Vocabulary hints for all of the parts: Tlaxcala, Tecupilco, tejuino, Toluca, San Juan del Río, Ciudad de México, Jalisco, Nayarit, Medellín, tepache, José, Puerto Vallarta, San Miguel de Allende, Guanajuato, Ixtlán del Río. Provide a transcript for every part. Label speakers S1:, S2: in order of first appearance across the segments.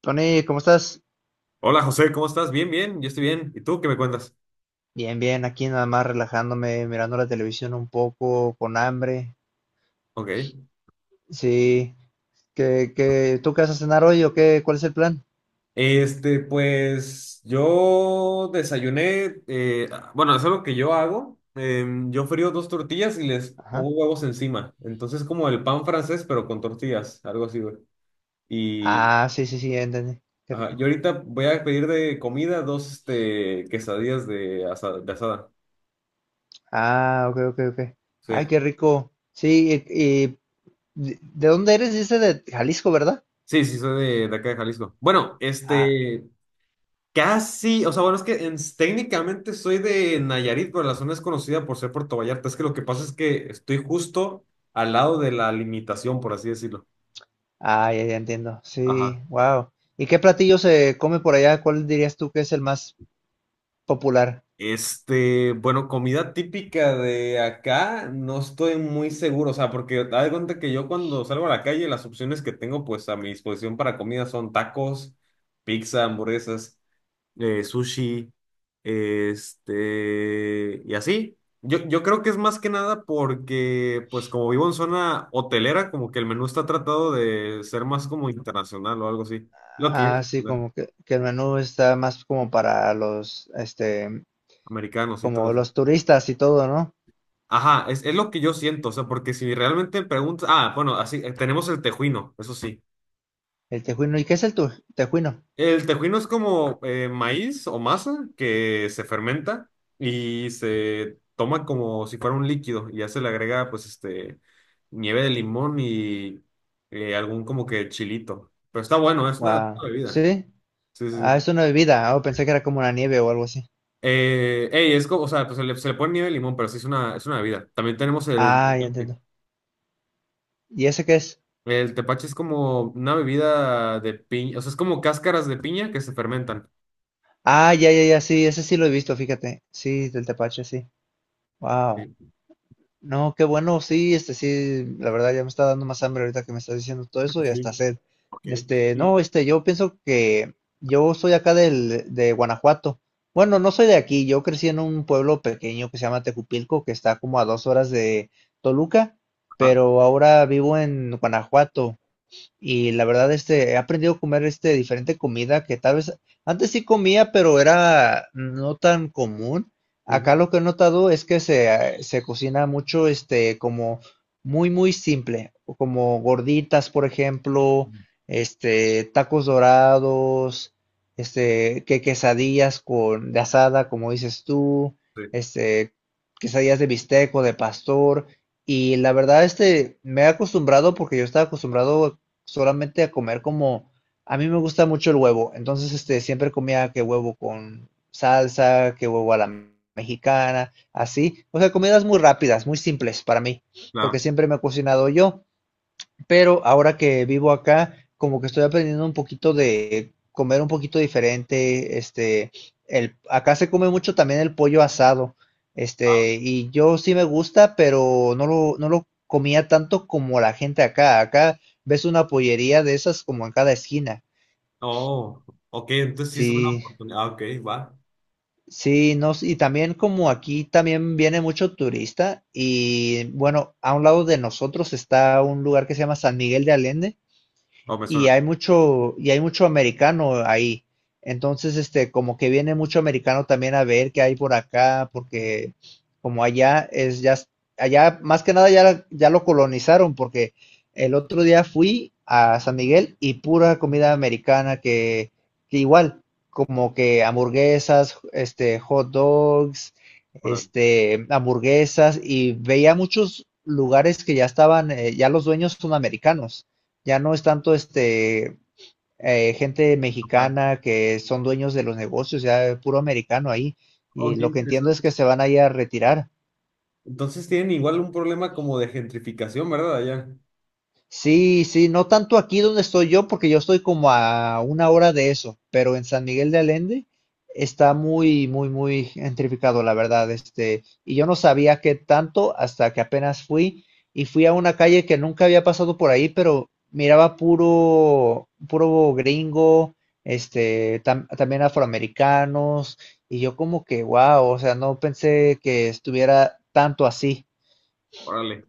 S1: Tony, ¿cómo estás?
S2: Hola José, ¿cómo estás? Bien, bien, yo estoy bien. ¿Y tú qué me cuentas?
S1: Bien, bien, aquí nada más relajándome, mirando la televisión un poco, con hambre.
S2: Ok.
S1: Sí, ¿qué, tú qué vas a cenar hoy o qué? ¿Cuál es el plan?
S2: Pues yo desayuné, bueno, es algo que yo hago. Yo frío dos tortillas y les pongo
S1: Ajá.
S2: huevos encima. Entonces, como el pan francés, pero con tortillas, algo así, güey. Y
S1: Ah, sí, sí, sí, ya entendí. Qué
S2: ajá,
S1: rico.
S2: yo ahorita voy a pedir de comida dos, quesadillas de asada, de asada.
S1: Ah, ok, ok, ok.
S2: Sí,
S1: Ay, qué rico. Sí, y ¿de dónde eres? Dice de Jalisco, ¿verdad?
S2: sí, sí, soy de acá de Jalisco. Bueno,
S1: Ah,
S2: casi, o sea, bueno, es que técnicamente soy de Nayarit, pero la zona es conocida por ser Puerto Vallarta. Es que lo que pasa es que estoy justo al lado de la limitación, por así decirlo.
S1: ah, ya, ya entiendo.
S2: Ajá.
S1: Sí, wow. ¿Y qué platillo se come por allá? ¿Cuál dirías tú que es el más popular?
S2: Bueno, comida típica de acá, no estoy muy seguro, o sea, porque haz de cuenta que yo cuando salgo a la calle, las opciones que tengo pues a mi disposición para comida son tacos, pizza, hamburguesas. Sushi, y así. Yo creo que es más que nada porque, pues como vivo en zona hotelera, como que el menú está tratado de ser más como internacional o algo así. Lo que yo,
S1: Ah, sí, como que el menú está más como para los,
S2: Americanos y todo
S1: como
S2: eso.
S1: los turistas y todo, ¿no?
S2: Ajá, es lo que yo siento, o sea, porque si realmente preguntas, ah, bueno, así, tenemos el tejuino, eso sí.
S1: El tejuino. ¿Y qué es el tejuino?
S2: El tejuino es como maíz o masa que se fermenta y se toma como si fuera un líquido y ya se le agrega pues nieve de limón y algún como que chilito. Pero está bueno, es una
S1: Wow.
S2: bebida.
S1: Sí.
S2: Sí, sí,
S1: Ah,
S2: sí.
S1: es una bebida. Oh, pensé que era como una nieve o algo así.
S2: Ey, es como, o sea, pues se le pone nieve de limón, pero sí es una bebida. También tenemos el
S1: Ah, ya
S2: tepache.
S1: entiendo. ¿Y ese qué es?
S2: El tepache es como una bebida de piña, o sea, es como cáscaras de piña que se fermentan.
S1: Ah, ya, ya, ya, sí, ese sí lo he visto, fíjate. Sí, del tepache, sí. Wow.
S2: Sí.
S1: No, qué bueno, sí, sí, la verdad ya me está dando más hambre ahorita que me estás diciendo todo eso y hasta
S2: Sí.
S1: sed.
S2: Ok.
S1: Este,
S2: Y,
S1: no, yo pienso que yo soy acá de Guanajuato. Bueno, no soy de aquí, yo crecí en un pueblo pequeño que se llama Tecupilco, que está como a 2 horas de Toluca,
S2: ajá.
S1: pero ahora vivo en Guanajuato. Y la verdad, he aprendido a comer diferente comida que tal vez antes sí comía, pero era no tan común. Acá
S2: Ujú.
S1: lo que he notado es que se cocina mucho, como muy, muy simple, o como gorditas, por ejemplo, tacos dorados, que quesadillas de asada, como dices tú,
S2: Sí.
S1: este, quesadillas de bistec o de pastor. Y la verdad, me he acostumbrado porque yo estaba acostumbrado solamente a comer como, a mí me gusta mucho el huevo, entonces siempre comía que huevo con salsa, que huevo a la mexicana, así, o sea, comidas muy rápidas, muy simples para mí, porque
S2: Claro.
S1: siempre me he cocinado yo, pero ahora que vivo acá, como que estoy aprendiendo un poquito de comer un poquito diferente, acá se come mucho también el pollo asado,
S2: Ah,
S1: y yo sí me gusta, pero no lo comía tanto como la gente acá, ves una pollería de esas como en cada esquina,
S2: oh, ok, entonces sí es una
S1: sí,
S2: oportunidad. Ah, ok, va.
S1: sí, no, y también como aquí también viene mucho turista, y bueno, a un lado de nosotros está un lugar que se llama San Miguel de Allende,
S2: Oh, me
S1: y
S2: suena.
S1: hay mucho americano ahí. Entonces, como que viene mucho americano también a ver qué hay por acá, porque como allá es ya, allá más que nada ya, ya lo colonizaron, porque el otro día fui a San Miguel y pura comida americana que igual, como que hamburguesas, hot dogs,
S2: Órale,
S1: hamburguesas, y veía muchos lugares que ya estaban, ya los dueños son americanos. Ya no es tanto gente
S2: ok.
S1: mexicana que son dueños de los negocios, ya puro americano ahí.
S2: Oh,
S1: Y
S2: qué
S1: lo que entiendo es
S2: interesante.
S1: que se van a ir a retirar.
S2: Entonces tienen igual un problema como de gentrificación, ¿verdad? Allá.
S1: Sí, sí, no tanto aquí donde estoy yo, porque yo estoy como a una hora de eso, pero en San Miguel de Allende está muy, muy, muy gentrificado, la verdad, y yo no sabía qué tanto hasta que apenas fui y fui a una calle que nunca había pasado por ahí, pero miraba puro, puro gringo, también afroamericanos, y yo como que, wow, o sea, no pensé que estuviera tanto así,
S2: Órale,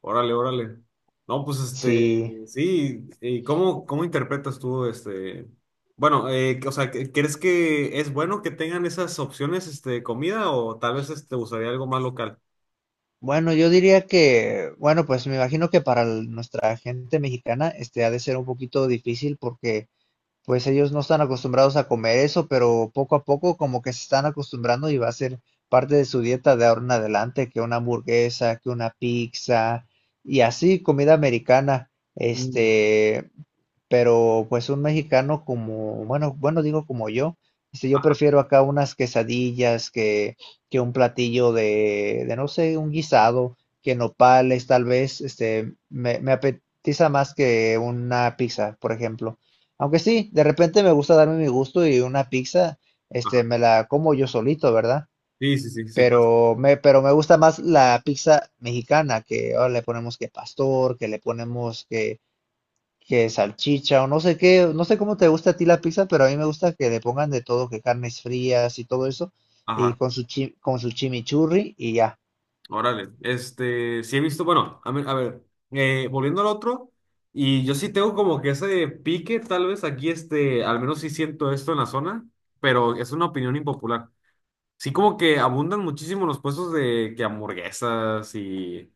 S2: órale, órale. No, pues
S1: sí.
S2: sí. ¿Y cómo interpretas tú? Bueno, o sea, ¿crees que es bueno que tengan esas opciones de comida o tal vez te gustaría algo más local?
S1: Bueno, yo diría que, bueno, pues me imagino que para nuestra gente mexicana, ha de ser un poquito difícil porque, pues ellos no están acostumbrados a comer eso, pero poco a poco como que se están acostumbrando y va a ser parte de su dieta de ahora en adelante, que una hamburguesa, que una pizza y así comida americana.
S2: Mm,
S1: Este, pero pues un mexicano como, bueno, bueno, digo como yo, yo
S2: ajá,
S1: prefiero acá unas quesadillas que un platillo de no sé, un guisado, que nopales tal vez, me apetiza más que una pizza, por ejemplo. Aunque sí, de repente me gusta darme mi gusto y una pizza,
S2: ajá.
S1: me la como yo solito, ¿verdad?
S2: Sí, sí, sí, sí pasa.
S1: Pero me gusta más la pizza mexicana, que ahora le ponemos que pastor, que le ponemos que salchicha o no sé qué, no sé cómo te gusta a ti la pizza, pero a mí me gusta que le pongan de todo, que carnes frías y todo eso, y
S2: Ajá.
S1: con su con su chimichurri y ya.
S2: Órale, sí he visto, bueno, a ver, volviendo al otro, y yo sí tengo como que ese pique, tal vez aquí, al menos sí siento esto en la zona, pero es una opinión impopular. Sí como que abundan muchísimo los puestos de que hamburguesas y,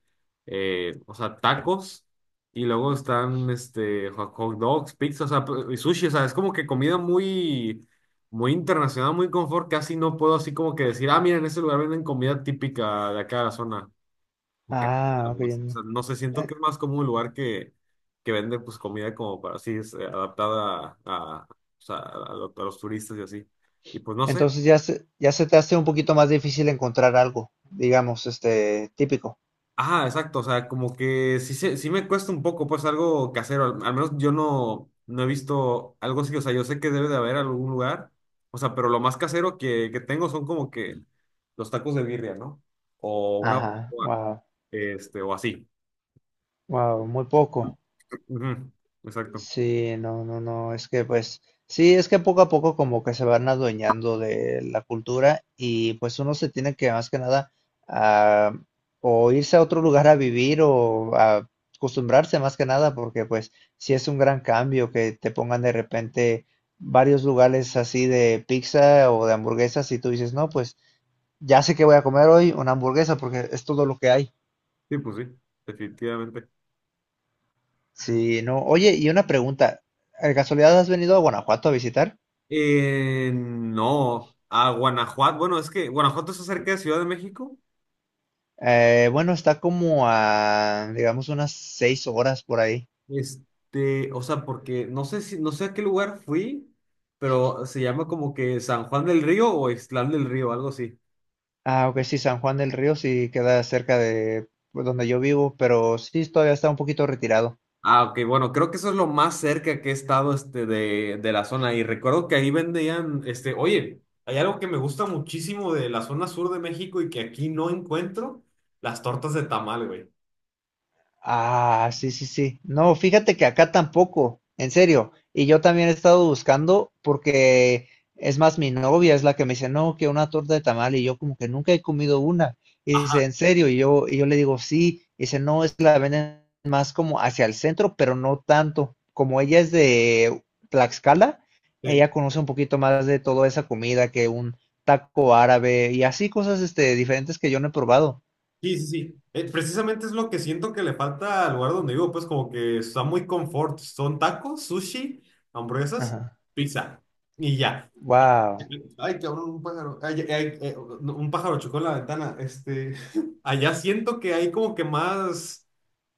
S2: o sea, tacos, y luego están, hot dogs, pizza, o sea, y sushi, o sea, es como que comida muy, muy internacional, muy confort, casi no puedo así como que decir, ah, mira, en ese lugar venden comida típica de acá de la zona. Bucaneros.
S1: Ah, ok.
S2: O sea, no sé, siento
S1: Eh,
S2: que es más como un lugar que vende pues comida como para así, adaptada o sea, a los turistas y así. Y pues no sé.
S1: Entonces ya se te hace un poquito más difícil encontrar algo, digamos, típico.
S2: Ah, exacto, o sea, como que sí, sí me cuesta un poco, pues algo casero. Al menos yo no he visto algo así, o sea, yo sé que debe de haber algún lugar, o sea, pero lo más casero que tengo son como que los tacos de birria, ¿no? O una
S1: Ajá,
S2: barbacoa,
S1: wow,
S2: o así.
S1: wow, muy poco.
S2: Ujú. Exacto.
S1: Sí, no, no, no, es que pues sí, es que poco a poco como que se van adueñando de la cultura y pues uno se tiene que más que nada ah, o irse a otro lugar a vivir o a acostumbrarse más que nada porque pues sí es un gran cambio que te pongan de repente varios lugares así de pizza o de hamburguesas y tú dices, no, pues ya sé que voy a comer hoy una hamburguesa porque es todo lo que hay.
S2: Sí, pues sí, definitivamente.
S1: Sí, no. Oye, y una pregunta, ¿de casualidad has venido a Guanajuato a visitar?
S2: No, a Guanajuato. Bueno, es que Guanajuato está cerca de Ciudad de México.
S1: Bueno, está como a, digamos, unas 6 horas por ahí.
S2: O sea, porque no sé si, no sé a qué lugar fui, pero se llama como que San Juan del Río o Ixtlán del Río, algo así.
S1: Ah, ok, sí, San Juan del Río sí queda cerca de, pues, donde yo vivo, pero sí, todavía está un poquito retirado.
S2: Ah, ok, bueno, creo que eso es lo más cerca que he estado de la zona. Y recuerdo que ahí vendían, oye, hay algo que me gusta muchísimo de la zona sur de México y que aquí no encuentro, las tortas de tamal, güey.
S1: Ah, sí, sí, sí. No, fíjate que acá tampoco, en serio. Y yo también he estado buscando porque es más mi novia es la que me dice, no, que una torta de tamal y yo como que nunca he comido una. Y dice,
S2: Ajá.
S1: en serio, y yo, le digo, sí. Y dice, no, es que la venden más como hacia el centro, pero no tanto. Como ella es de Tlaxcala,
S2: Sí.
S1: ella conoce un poquito más de toda esa comida que un taco árabe y así cosas diferentes que yo no he probado.
S2: Sí, sí, sí. Precisamente es lo que siento que le falta al lugar donde vivo, pues como que está muy confort. Son tacos, sushi, hamburguesas,
S1: Ajá.
S2: pizza. Y ya.
S1: Wow.
S2: Ay, cabrón, un pájaro. Ay, ay, ay, no, un pájaro chocó en la ventana. Allá siento que hay como que más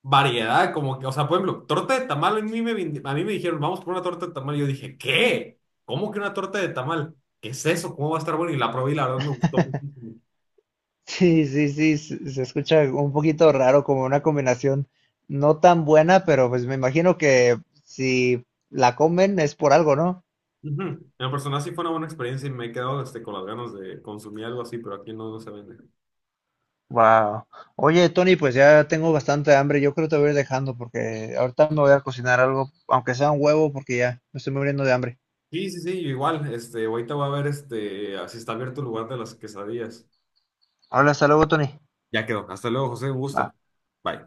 S2: variedad, como que, o sea, por ejemplo, torta de tamal, a mí me dijeron, vamos por una torta de tamal. Y yo dije, ¿qué? ¿Cómo que una torta de tamal? ¿Qué es eso? ¿Cómo va a estar bueno? Y la probé y la verdad me gustó muchísimo.
S1: Sí, sí, sí, se escucha un poquito raro, como una combinación no tan buena, pero pues me imagino que si la comen es por algo, ¿no?
S2: Ujú. En lo personal sí fue una buena experiencia y me he quedado con las ganas de consumir algo así, pero aquí no se vende.
S1: Wow. Oye, Tony, pues ya tengo bastante hambre. Yo creo que te voy a ir dejando porque ahorita me voy a cocinar algo, aunque sea un huevo, porque ya me estoy muriendo de hambre.
S2: Sí, sí, sí, yo igual, ahorita voy a ver si está abierto el lugar de las quesadillas.
S1: Habla, hasta luego, Tony.
S2: Ya quedó. Hasta luego, José, un
S1: Ah.
S2: gusto. Bye.